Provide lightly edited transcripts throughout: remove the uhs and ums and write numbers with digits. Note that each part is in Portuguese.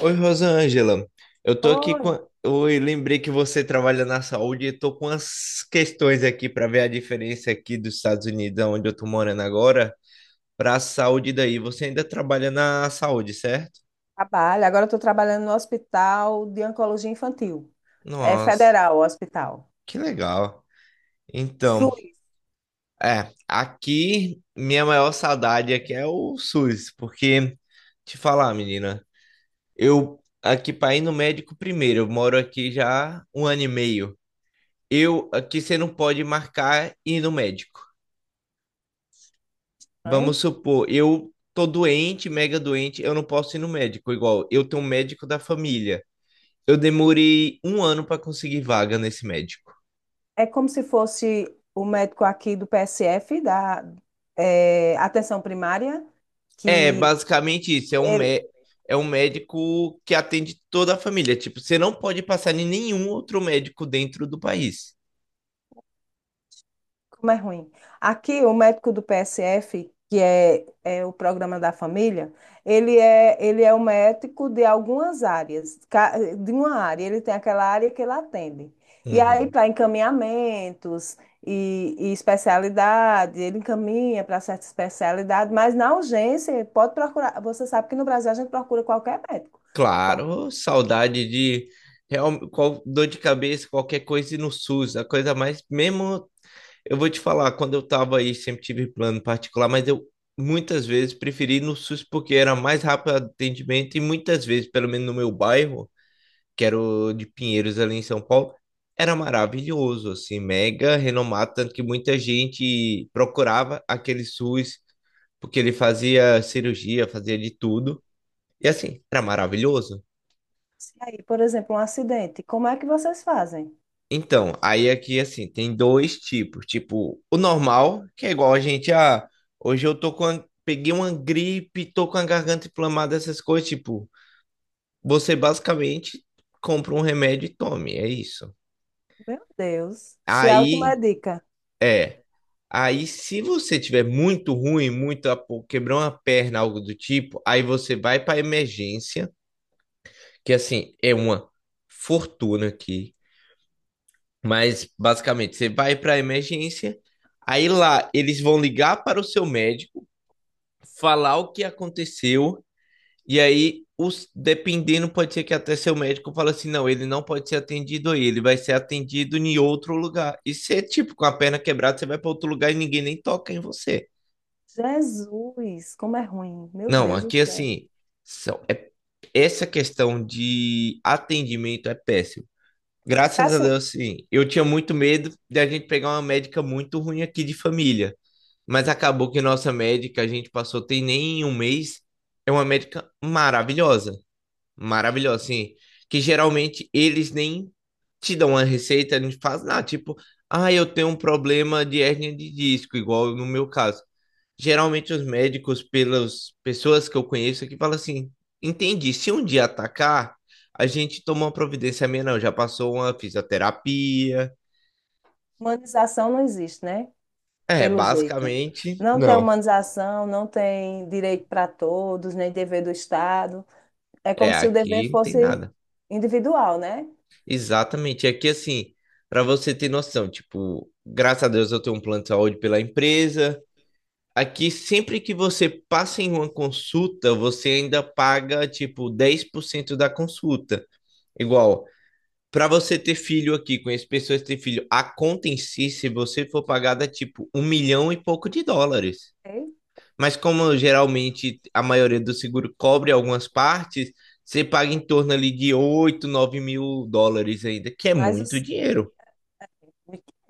Oi, Rosângela. Eu tô aqui com. Oi. Oi, lembrei que você trabalha na saúde e tô com as questões aqui para ver a diferença aqui dos Estados Unidos, onde eu tô morando agora, para a saúde daí. Você ainda trabalha na saúde, certo? Trabalho. Agora eu estou trabalhando no Hospital de Oncologia Infantil. É Nossa, federal o hospital. que legal. Então, SUS, é, aqui minha maior saudade aqui é o SUS, porque te falar, menina, eu aqui para ir no médico primeiro, eu moro aqui já um ano e meio. Eu que você não pode marcar ir no médico. né? Vamos supor, eu tô doente, mega doente, eu não posso ir no médico, igual eu tenho um médico da família. Eu demorei um ano para conseguir vaga nesse médico. É como se fosse o médico aqui do PSF, Atenção Primária, É, que basicamente isso, ele, é um médico que atende toda a família. Tipo, você não pode passar em nenhum outro médico dentro do país. Como é ruim. Aqui, o médico do PSF, que é o programa da família, ele é o médico de algumas áreas, de uma área. Ele tem aquela área que ele atende. E aí, Uhum. para encaminhamentos e especialidade, ele encaminha para certa especialidade, mas na urgência, pode procurar. Você sabe que no Brasil a gente procura qualquer médico. Qual- Claro, saudade de real, qual, dor de cabeça, qualquer coisa ir no SUS, a coisa mais, mesmo, eu vou te falar, quando eu tava aí, sempre tive plano particular, mas eu muitas vezes preferi ir no SUS porque era mais rápido o atendimento e muitas vezes, pelo menos no meu bairro, que era o de Pinheiros ali em São Paulo, era maravilhoso, assim, mega renomado, tanto que muita gente procurava aquele SUS porque ele fazia cirurgia, fazia de tudo. E assim, era maravilhoso. Se aí, por exemplo, um acidente, como é que vocês fazem? Então, aí aqui assim, tem dois tipos. Tipo, o normal, que é igual a gente, ah, hoje eu tô peguei uma gripe, tô com a garganta inflamada, essas coisas, tipo, você basicamente compra um remédio e tome, é isso. Meu Deus, se Aí, automedica. é, aí se você tiver muito ruim, muito, ah, pô, quebrou uma perna, algo do tipo, aí você vai pra emergência, que assim, é uma fortuna aqui. Mas basicamente, você vai para a emergência, aí lá eles vão ligar para o seu médico, falar o que aconteceu, e aí os dependendo pode ser que até seu médico fala assim, não, ele não pode ser atendido aí, ele vai ser atendido em outro lugar. E se é tipo com a perna quebrada, você vai para outro lugar e ninguém nem toca em você. Jesus, como é ruim. Meu Não, Deus do aqui céu. assim, são, é, essa questão de atendimento é péssimo. Graças a Assim, Deus, sim. Eu tinha muito medo de a gente pegar uma médica muito ruim aqui de família. Mas acabou que nossa médica, a gente passou, tem nem um mês, é uma médica maravilhosa. Maravilhosa, assim. Que geralmente eles nem te dão uma receita, não faz nada. Tipo, ah, eu tenho um problema de hérnia de disco, igual no meu caso. Geralmente os médicos, pelas pessoas que eu conheço aqui, falam assim: entendi, se um dia atacar, a gente toma uma providência. A minha, não. Já passou uma fisioterapia. humanização não existe, né? É, Pelo jeito. basicamente, Não tem não. humanização, não tem direito para todos, nem dever do Estado. É como É, se o dever aqui não tem fosse nada. individual, né? Exatamente. Aqui, assim, para você ter noção, tipo, graças a Deus eu tenho um plano de saúde pela empresa. Aqui, sempre que você passa em uma consulta, você ainda paga, tipo, 10% da consulta. Igual, para você ter filho aqui, conheço pessoas que têm filho, a conta em si, se você for pagar, dá tipo um milhão e pouco de dólares. Ok? Mas como geralmente a maioria do seguro cobre algumas partes, você paga em torno ali de 8, 9 mil dólares ainda, que é Mas o, muito se- dinheiro.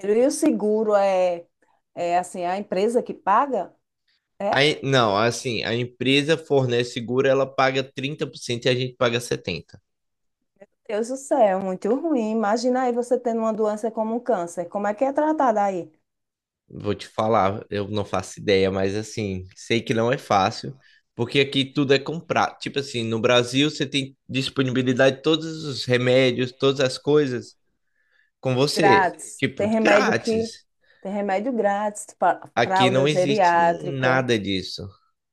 E o seguro é assim, a empresa que paga? É, Aí, não, assim, a empresa fornece seguro, ela paga 30% e a gente paga 70%. Deus do céu, é muito ruim. Imagina aí você tendo uma doença como um câncer. Como é que é tratada aí? Vou te falar, eu não faço ideia, mas assim, sei que não é fácil, porque aqui tudo é comprar. Tipo assim, no Brasil você tem disponibilidade de todos os remédios, todas as coisas com você, Grátis. tipo, Tem de remédio que. grátis. Tem remédio grátis, Aqui fralda não existe geriátrica, nada disso.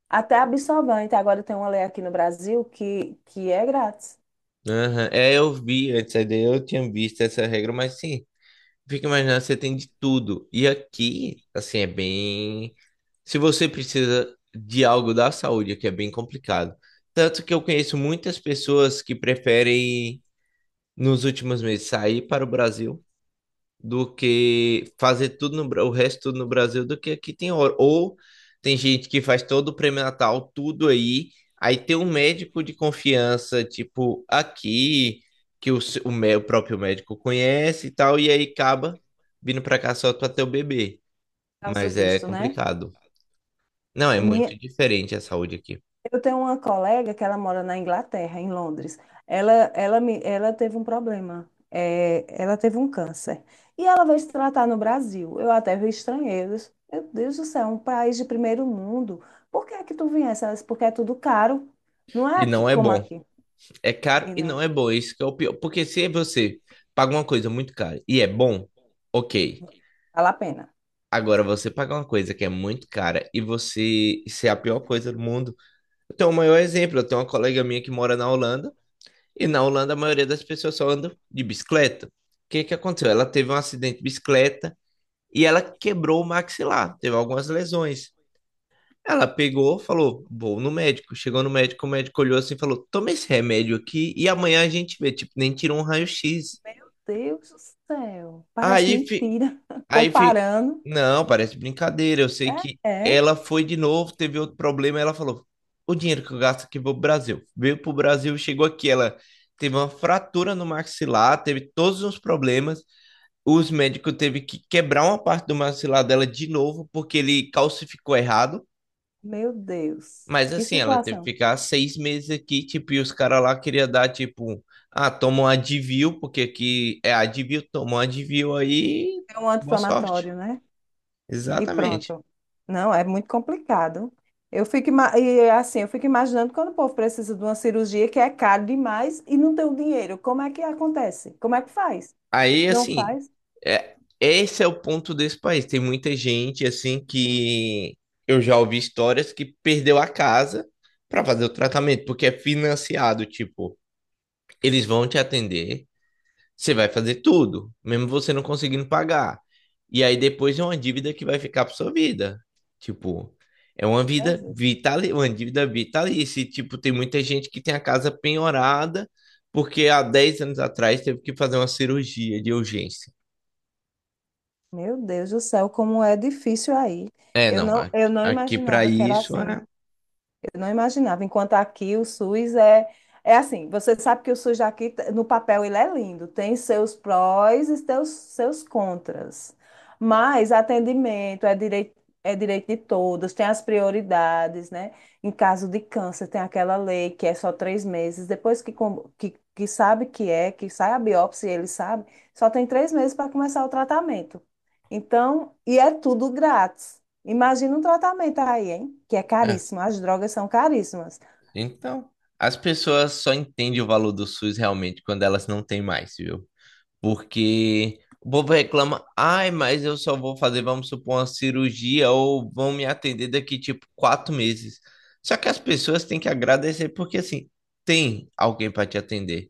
até absorvente. Agora tem uma lei aqui no Brasil que é grátis, Aham. É, eu vi antes, aí eu tinha visto essa regra, mas sim, fica imaginando, você tem de tudo. E aqui, assim, é bem. Se você precisa de algo da saúde, aqui é bem complicado. Tanto que eu conheço muitas pessoas que preferem, nos últimos meses, sair para o Brasil do que fazer tudo no, Bra- o resto tudo no Brasil do que aqui tem hora. Ou tem gente que faz todo o pré-natal, tudo aí, aí tem um médico de confiança, tipo, aqui, que o, se- o, mé- o próprio médico conhece e tal, e aí acaba vindo pra cá só pra ter o bebê. por causa do Mas é visto, né? complicado. Não, é Minha- muito diferente a saúde aqui. eu tenho uma colega que ela mora na Inglaterra, em Londres. Ela teve um problema. É, ela teve um câncer. E ela veio se tratar no Brasil. Eu até vi estrangeiros. Meu Deus do céu, um país de primeiro mundo. Por que é que tu viesse? Ela disse, porque é tudo caro. Não é E aqui não é como bom. aqui. É caro E e na- não é bom. Isso que é o pior. Porque se você paga uma coisa muito cara e é bom, ok. Vale a pena. Agora, você pagar uma coisa que é muito cara e você ser a pior coisa do mundo. Eu tenho o maior exemplo. Eu tenho uma colega minha que mora na Holanda e na Holanda a maioria das pessoas só andam de bicicleta. O que que aconteceu? Ela teve um acidente de bicicleta e ela quebrou o maxilar, teve algumas lesões. Ela pegou, falou, vou no médico. Chegou no médico, o médico olhou assim e falou: toma esse remédio aqui e amanhã a gente vê. Tipo, nem tirou um raio-x. Deus do céu, parece Aí fi- mentira. Aí fi... Comparando, Não, parece brincadeira. Eu sei é, que é, ela foi de novo, teve outro problema. Ela falou: o dinheiro que eu gasto aqui vou pro Brasil. Veio pro Brasil, chegou aqui. Ela teve uma fratura no maxilar, teve todos os problemas. Os médicos teve que quebrar uma parte do maxilar dela de novo, porque ele calcificou errado. meu Deus, Mas que assim, ela teve que situação. ficar 6 meses aqui, tipo, e os caras lá queriam dar, tipo, ah, toma um Advil, porque aqui é Advil, toma um Advil aí, É um boa sorte. anti-inflamatório, né? E Exatamente. pronto. Não, é muito complicado. E é assim, eu fico imaginando quando o povo precisa de uma cirurgia que é caro demais e não tem o dinheiro. Como é que acontece? Como é que faz? Aí, Não assim, faz? é, esse é o ponto desse país. Tem muita gente, assim, que eu já ouvi histórias que perdeu a casa para fazer o tratamento, porque é financiado. Tipo, eles vão te atender, você vai fazer tudo, mesmo você não conseguindo pagar. E aí depois é uma dívida que vai ficar para sua vida. Tipo, é uma vida Jesus. vital, uma dívida vitalícia. E, tipo, tem muita gente que tem a casa penhorada porque há 10 anos atrás teve que fazer uma cirurgia de urgência. Meu Deus do céu, como é difícil aí. É, Eu não. não, eu não Aqui para imaginava que era isso assim. é, Eu não imaginava. Enquanto aqui o SUS é assim, você sabe que o SUS aqui, no papel, ele é lindo, tem seus prós e seus contras. Mas atendimento é direito de todos, tem as prioridades, né? Em caso de câncer, tem aquela lei que é só 3 meses. Depois que sabe que é, que sai a biópsia, e ele sabe, só tem 3 meses para começar o tratamento. Então, e é tudo grátis. Imagina um tratamento aí, hein? Que é é. caríssimo, as drogas são caríssimas. Então, as pessoas só entendem o valor do SUS realmente quando elas não têm mais, viu? Porque o povo reclama, ai, mas eu só vou fazer, vamos supor, uma cirurgia ou vão me atender daqui tipo 4 meses. Só que as pessoas têm que agradecer porque assim tem alguém para te atender.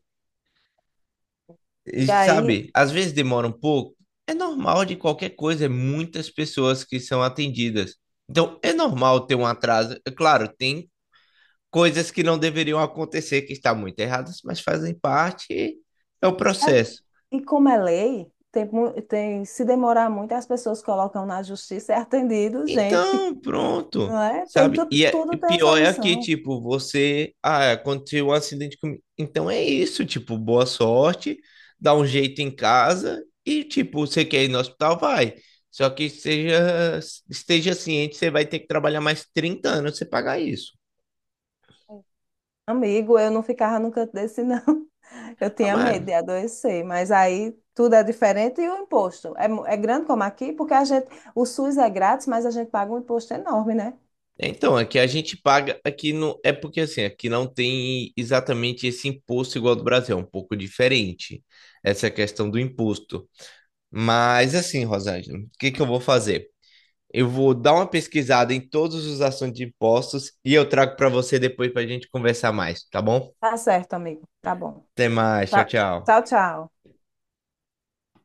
E E aí, sabe, às vezes demora um pouco. É normal de qualquer coisa, é muitas pessoas que são atendidas. Então, é normal ter um atraso. É claro, tem coisas que não deveriam acontecer, que está muito erradas, mas fazem parte, é o é- processo. e como é lei, se demorar muito, as pessoas colocam na justiça, é atendido, gente, Então, pronto, não é? Tem sabe? tudo, E, é, e tudo tem a pior é aqui, solução. tipo, você, ah, aconteceu um acidente comigo. Então é isso, tipo, boa sorte, dá um jeito em casa e, tipo, você quer ir no hospital, vai. Só que seja, esteja ciente, você vai ter que trabalhar mais 30 anos pra você pagar isso. Amigo, eu não ficava no canto desse, não. Eu Ah, tinha medo de mano, adoecer, mas aí tudo é diferente e o imposto é grande como aqui, porque a gente, o SUS é grátis, mas a gente paga um imposto enorme, né? Então, aqui a gente paga, aqui não, é porque assim, aqui não tem exatamente esse imposto igual ao do Brasil, é um pouco diferente essa questão do imposto. Mas assim, Rosângela, o que que eu vou fazer? Eu vou dar uma pesquisada em todos os assuntos de impostos e eu trago para você depois para a gente conversar mais, tá bom? Tá certo, amigo. Tá bom. Até mais, tchau, Tchau, tchau. tchau. Tchau.